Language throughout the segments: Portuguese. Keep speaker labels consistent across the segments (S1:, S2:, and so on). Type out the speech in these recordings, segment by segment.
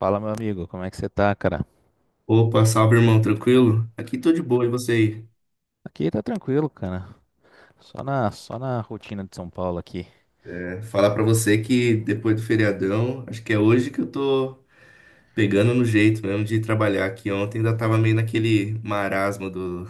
S1: Fala, meu amigo, como é que você tá, cara?
S2: Opa, salve irmão, tranquilo? Aqui tô de boa, e você aí?
S1: Aqui tá tranquilo, cara. Só na rotina de São Paulo aqui.
S2: É, falar pra você que depois do feriadão, acho que é hoje que eu tô pegando no jeito mesmo de trabalhar aqui. Ontem ainda tava meio naquele marasmo do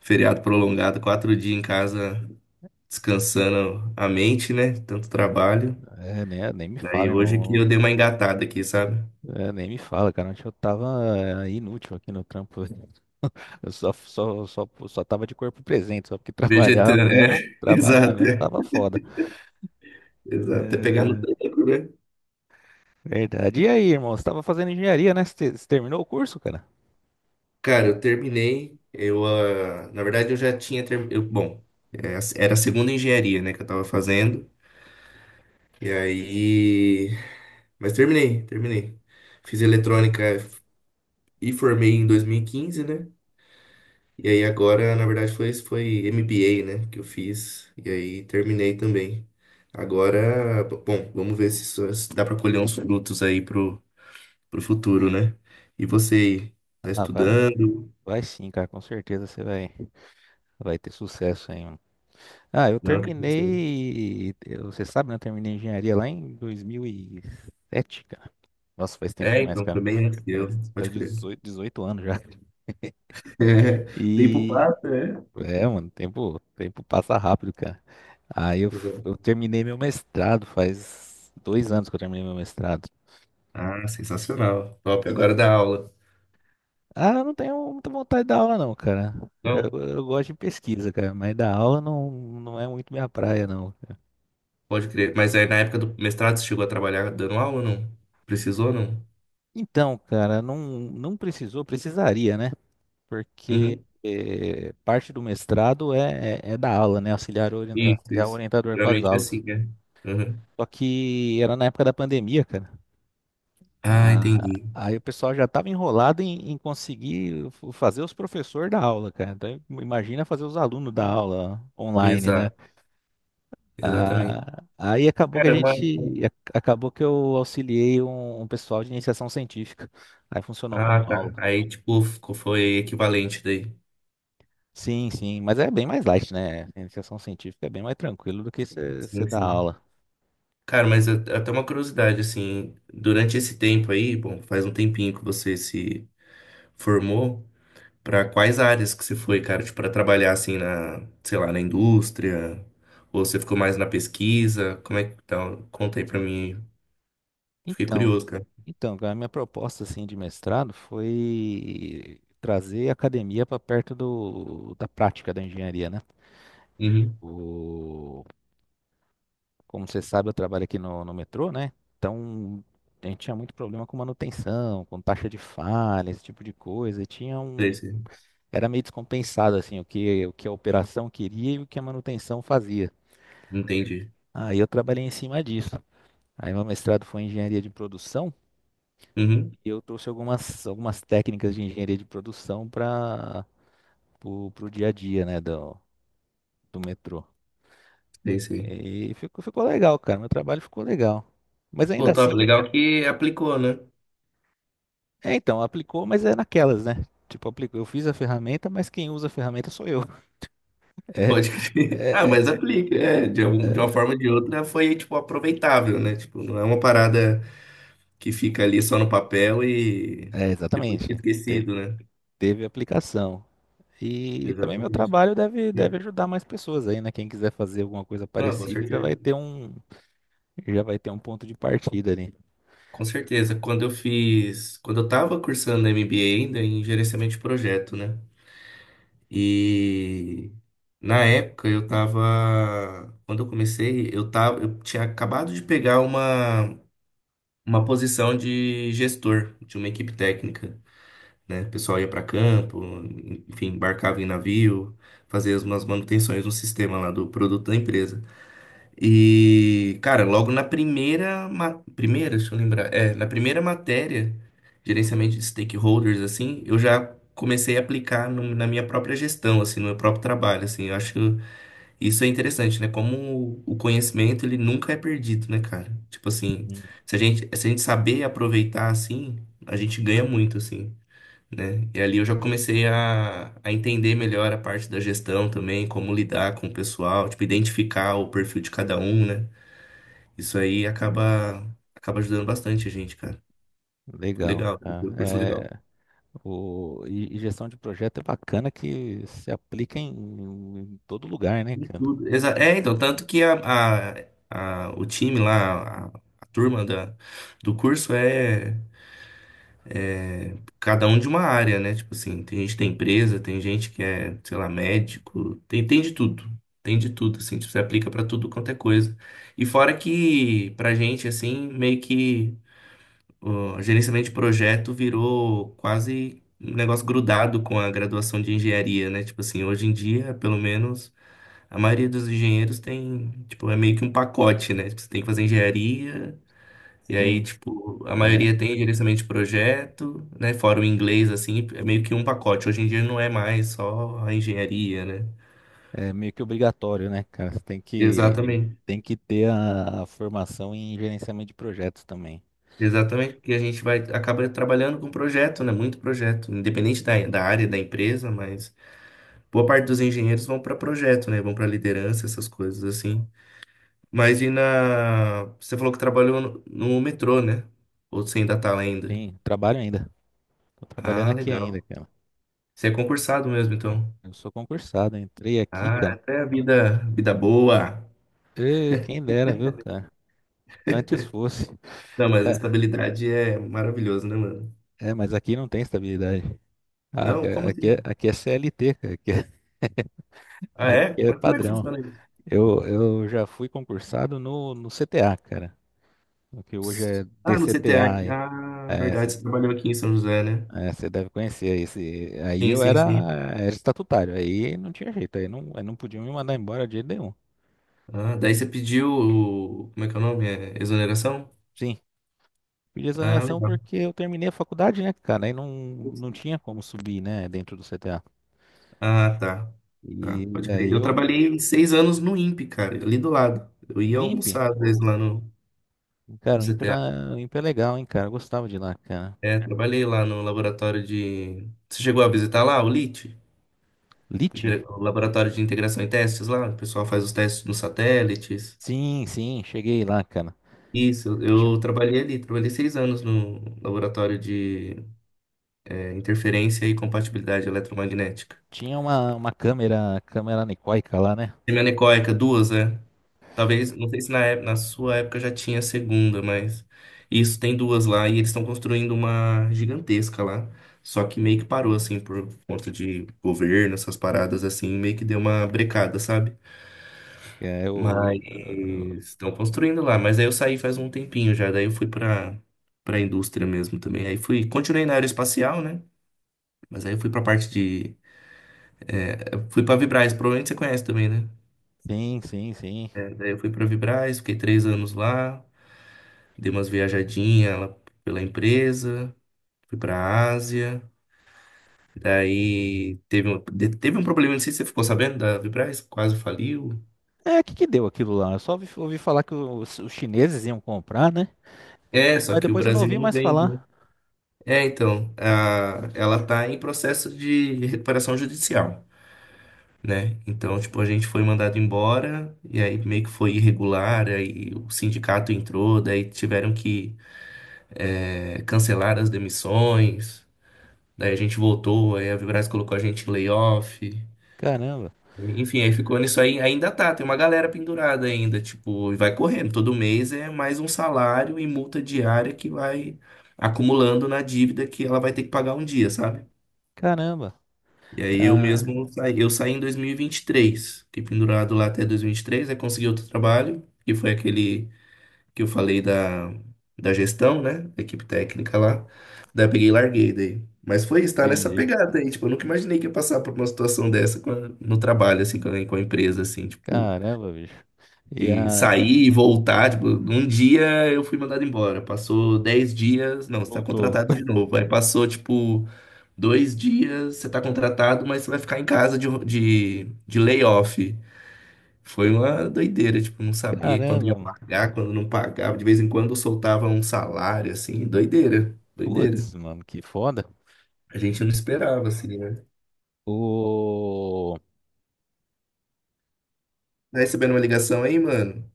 S2: feriado prolongado, quatro dias em casa descansando a mente, né? Tanto trabalho.
S1: É, né? Nem me
S2: Daí
S1: fala,
S2: hoje que eu
S1: irmão.
S2: dei uma engatada aqui, sabe?
S1: É, nem me fala, cara. Ontem eu tava inútil aqui no trampo. Eu só tava de corpo presente, só porque trabalhar
S2: Vegetando, é,
S1: mesmo, trabalhar
S2: exato,
S1: mesmo
S2: é,
S1: tava foda.
S2: exato, é pegar no
S1: É,
S2: tranco, né?
S1: verdade. E aí, irmão? Você tava fazendo engenharia, né? Você terminou o curso, cara?
S2: Cara, eu terminei. Eu, na verdade, eu já tinha terminado. Bom, é, era a segunda engenharia, né, que eu tava fazendo. E aí. Mas terminei, terminei. Fiz eletrônica e formei em 2015, né? E aí agora, na verdade, foi MBA, né, que eu fiz. E aí terminei também. Agora, bom, vamos ver se dá pra colher uns frutos aí pro futuro, né? E você aí, tá
S1: Ah, vai,
S2: estudando?
S1: vai sim, cara. Com certeza você vai ter sucesso aí.
S2: Não, o que que você
S1: Você sabe, né? Eu terminei engenharia lá em 2007, cara. Nossa, faz tempo
S2: É,
S1: demais,
S2: então, foi
S1: cara.
S2: bem antes de eu,
S1: Faz, faz
S2: pode crer.
S1: 18, 18 anos já.
S2: É, o tempo
S1: E
S2: passa, é?
S1: é, mano, tempo passa rápido, cara.
S2: Exato.
S1: Eu terminei meu mestrado, faz 2 anos que eu terminei meu mestrado.
S2: Ah, sensacional. Top, agora dá aula.
S1: Ah, eu não tenho muita vontade de dar aula, não, cara.
S2: Não,
S1: Eu gosto de pesquisa, cara, mas dar aula não é muito minha praia, não.
S2: pode crer. Mas aí na época do mestrado você chegou a trabalhar dando aula ou não? Precisou ou não?
S1: Então, cara, não precisou, precisaria, né? Porque
S2: Uhum.
S1: parte do mestrado é da aula, né?
S2: Isso,
S1: Auxiliar
S2: isso.
S1: orientador com as
S2: Geralmente é
S1: aulas.
S2: assim, né? Uhum.
S1: Só que era na época da pandemia, cara.
S2: Ah,
S1: Ah,
S2: entendi.
S1: aí o pessoal já estava enrolado em conseguir fazer os professores da aula, cara. Então, imagina fazer os alunos da aula online, né?
S2: Exato, exatamente.
S1: Ah, aí acabou que a
S2: Caramba.
S1: gente, acabou que eu auxiliei um pessoal de iniciação científica. Aí funcionou
S2: Ah,
S1: como
S2: tá.
S1: aula.
S2: Aí, tipo, foi equivalente daí.
S1: Sim, sim, mas é bem mais light, né? A iniciação científica é bem mais tranquilo do que você
S2: Sim,
S1: dar
S2: sim.
S1: aula.
S2: Cara, mas até uma curiosidade, assim, durante esse tempo aí, bom, faz um tempinho que você se formou? Pra quais áreas que você foi, cara? Tipo, pra trabalhar assim na, sei lá, na indústria? Ou você ficou mais na pesquisa? Como é que tá? Conta aí pra mim. Fiquei
S1: Então,
S2: curioso, cara.
S1: então, a minha proposta assim de mestrado foi trazer a academia para perto do, da prática da engenharia, né?
S2: Uhum.
S1: O, como você sabe, eu trabalho aqui no metrô, né? Então, a gente tinha muito problema com manutenção, com taxa de falha, esse tipo de coisa. E tinha
S2: Sei, sei.
S1: era meio descompensado assim o que a operação queria e o que a manutenção fazia.
S2: Entendi.
S1: Aí eu trabalhei em cima disso. Aí meu mestrado foi em engenharia de produção
S2: Uhum.
S1: e eu trouxe algumas técnicas de engenharia de produção para o dia a dia, né, do metrô.
S2: Sei, sei.
S1: E ficou legal, cara. Meu trabalho ficou legal. Mas
S2: Pô,
S1: ainda
S2: top.
S1: assim,
S2: Legal que aplicou, né?
S1: é então, aplicou, mas é naquelas, né? Tipo, aplicou, eu fiz a ferramenta, mas quem usa a ferramenta sou eu.
S2: Pode crer.
S1: É,
S2: Ah, mas
S1: é,
S2: aplica, é. De, de uma
S1: é,
S2: forma ou de outra foi, tipo, aproveitável, né? Tipo, não é uma parada que fica ali só no papel e depois fica
S1: exatamente.
S2: esquecido, né?
S1: Teve aplicação. E também meu
S2: Exatamente.
S1: trabalho deve ajudar mais pessoas aí, né? Quem quiser fazer alguma coisa
S2: Não, com
S1: parecida já vai
S2: certeza.
S1: ter um, já vai ter um ponto de partida ali.
S2: Com certeza, quando eu fiz, quando eu estava cursando MBA ainda em gerenciamento de projeto, né? E na época eu tava, quando eu comecei, eu tava, eu tinha acabado de pegar uma posição de gestor de uma equipe técnica, né? O pessoal ia para campo, enfim, embarcava em navio, fazia umas manutenções no sistema lá do produto da empresa. E, cara, logo na primeira, deixa eu lembrar, é, na primeira matéria, gerenciamento de stakeholders, assim, eu já comecei a aplicar na minha própria gestão, assim, no meu próprio trabalho, assim, eu acho que isso é interessante, né? Como o conhecimento, ele nunca é perdido, né, cara? Tipo assim,
S1: Sim.
S2: se a gente saber aproveitar, assim, a gente ganha muito, assim, né? E ali eu já comecei a entender melhor a parte da gestão também, como lidar com o pessoal, tipo, identificar o perfil de cada um, né? Isso aí acaba, acaba ajudando bastante a gente, cara. Foi
S1: Legal,
S2: legal,
S1: cara.
S2: foi um curso legal.
S1: E gestão de projeto é bacana que se aplica em todo lugar, né,
S2: De
S1: cara?
S2: tudo. É, então, tanto que o time lá, a turma do curso é cada um de uma área, né? Tipo assim, tem gente que tem empresa, tem gente que é, sei lá, médico, tem, tem de tudo. Tem de tudo, assim, tipo, você aplica pra tudo quanto é coisa. E fora que, pra gente, assim, meio que. O gerenciamento de projeto virou quase um negócio grudado com a graduação de engenharia, né? Tipo assim, hoje em dia, pelo menos, a maioria dos engenheiros tem, tipo, é meio que um pacote, né? Tipo, você tem que fazer engenharia, e aí,
S1: Sim.
S2: tipo, a
S1: É,
S2: maioria tem gerenciamento de projeto, né? Fora o inglês, assim, é meio que um pacote. Hoje em dia não é mais só a engenharia, né?
S1: é meio que obrigatório, né, cara? Você tem
S2: Exatamente.
S1: tem que ter a formação em gerenciamento de projetos também.
S2: Exatamente, porque a gente vai acaba trabalhando com projeto, né? Muito projeto, independente da área da empresa, mas boa parte dos engenheiros vão para projeto, né? Vão para liderança, essas coisas assim. Mas e na. Você falou que trabalhou no metrô, né? Ou você ainda tá lá ainda?
S1: Sim, trabalho ainda. Tô trabalhando
S2: Ah,
S1: aqui ainda,
S2: legal.
S1: cara.
S2: Você é concursado mesmo, então.
S1: Eu sou concursado, entrei aqui,
S2: Ah,
S1: cara.
S2: até a vida, vida boa.
S1: Ê, quem dera, viu, cara? Antes fosse.
S2: Não, mas a
S1: É,
S2: estabilidade é maravilhoso, né, mano?
S1: é, mas aqui não tem estabilidade. Ah, Aqui
S2: Não,
S1: é,
S2: como
S1: aqui é
S2: assim?
S1: aqui é CLT, cara. Aqui é,
S2: Ah,
S1: aqui
S2: é?
S1: é
S2: Mas como é que
S1: padrão.
S2: funciona isso?
S1: Eu já fui concursado no CTA, cara. O que hoje é
S2: Ah, no CTA
S1: DCTA.
S2: aqui.
S1: Aí.
S2: Ah,
S1: É,
S2: verdade, você trabalhou aqui em São José, né?
S1: você deve conhecer esse. Aí
S2: Sim,
S1: eu
S2: sim,
S1: era,
S2: sim.
S1: era estatutário. Aí não tinha jeito. Aí não podiam me mandar embora de jeito nenhum.
S2: Ah, daí você pediu. Como é que é o nome? É exoneração?
S1: Sim, pedi
S2: Ah,
S1: exoneração
S2: legal.
S1: porque eu terminei a faculdade, né, cara? Aí não, não tinha como subir, né, dentro do CTA.
S2: Ah, tá. Tá,
S1: E
S2: pode
S1: aí
S2: crer. Eu
S1: eu,
S2: trabalhei 6 anos no INPE, cara, ali do lado. Eu ia
S1: no INPE.
S2: almoçar às vezes
S1: Ô,
S2: lá no
S1: cara, o INPE,
S2: CTA.
S1: era, o INPE é legal, hein, cara? Eu gostava de ir lá, cara.
S2: É, trabalhei lá no laboratório de. Você chegou a visitar lá o LIT?
S1: Lite?
S2: O laboratório de integração e testes lá? O pessoal faz os testes nos satélites.
S1: Sim, sim, cheguei lá, cara.
S2: Isso,
S1: Tinha,
S2: eu trabalhei ali, trabalhei 6 anos no laboratório de é, interferência e compatibilidade eletromagnética.
S1: tinha uma câmera, câmera anecoica lá, né?
S2: Semianecóica, duas, né? Talvez, não sei se na sua época já tinha a segunda, mas isso tem duas lá e eles estão construindo uma gigantesca lá. Só que meio que parou, assim, por conta de governo, essas paradas assim, meio que deu uma brecada, sabe?
S1: É, o,
S2: Mas estão construindo lá. Mas aí eu saí faz um tempinho já, daí eu fui pra, pra indústria mesmo também. Aí fui, continuei na aeroespacial, né? Mas aí eu fui pra parte de. É, eu fui pra Vibraz, provavelmente você conhece também, né?
S1: sim, sim.
S2: É, daí eu fui pra Vibraz, fiquei 3 anos lá. Dei umas viajadinhas lá pela empresa, fui pra Ásia. Daí teve um, teve um problema, não sei se você ficou sabendo, da Vibraz, quase faliu.
S1: É, o que que deu aquilo lá? Eu só ouvi, ouvi falar que os chineses iam comprar, né?
S2: É, só
S1: Mas
S2: que o
S1: depois eu não
S2: Brasil
S1: ouvi
S2: não
S1: mais
S2: vende, né?
S1: falar.
S2: É, então, a, ela tá em processo de recuperação judicial, né? Então, tipo, a gente foi mandado embora, e aí meio que foi irregular, aí o sindicato entrou, daí tiveram que é, cancelar as demissões, daí a gente voltou, aí a Vibraz colocou a gente em layoff.
S1: Caramba,
S2: Enfim, aí ficou nisso aí, ainda tá, tem uma galera pendurada ainda, tipo, e vai correndo, todo mês é mais um salário e multa diária que vai acumulando na dívida que ela vai ter que pagar um dia, sabe?
S1: caramba.
S2: E aí eu
S1: Ah,
S2: mesmo saí, eu saí em 2023, fiquei pendurado lá até 2023, aí consegui outro trabalho, que foi aquele que eu falei da gestão, né, da equipe técnica lá, daí eu peguei e larguei daí. Mas foi isso, tá nessa
S1: entendi.
S2: pegada aí, tipo, eu nunca imaginei que ia passar por uma situação dessa com no trabalho, assim, com a empresa, assim, tipo...
S1: Caramba, bicho. E
S2: E
S1: a...
S2: sair e voltar, tipo, um dia eu fui mandado embora. Passou 10 dias, não, você tá
S1: Voltou.
S2: contratado de novo. Aí passou, tipo, dois dias, você tá contratado, mas você vai ficar em casa de layoff. Foi uma doideira, tipo, não sabia quando ia
S1: Caramba, mano.
S2: pagar, quando não pagava. De vez em quando soltava um salário, assim, doideira, doideira.
S1: Putz, mano, que foda.
S2: A gente não esperava, assim, né?
S1: O...
S2: Tá recebendo uma ligação aí, mano?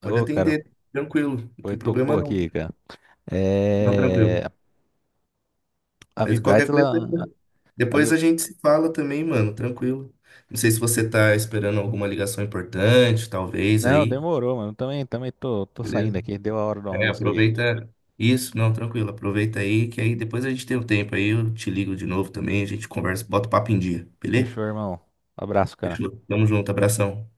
S2: Pode
S1: Ô, cara,
S2: atender, tranquilo, não
S1: foi,
S2: tem problema
S1: tocou
S2: não.
S1: aqui, cara.
S2: Não,
S1: É...
S2: tranquilo.
S1: A
S2: Mas
S1: Vibraz,
S2: qualquer coisa,
S1: ela. A
S2: depois a
S1: Vi-
S2: gente se fala também, mano, tranquilo. Não sei se você tá esperando alguma ligação importante, talvez
S1: Não,
S2: aí,
S1: demorou, mano. Também, tô saindo
S2: beleza?
S1: aqui. Deu a hora do
S2: É,
S1: almoço aqui.
S2: aproveita isso, não, tranquilo, aproveita aí, que aí depois a gente tem um tempo aí, eu te ligo de novo também, a gente conversa, bota o papo em dia, beleza?
S1: Fechou, irmão. Abraço, cara.
S2: Fechou? Tamo junto, abração.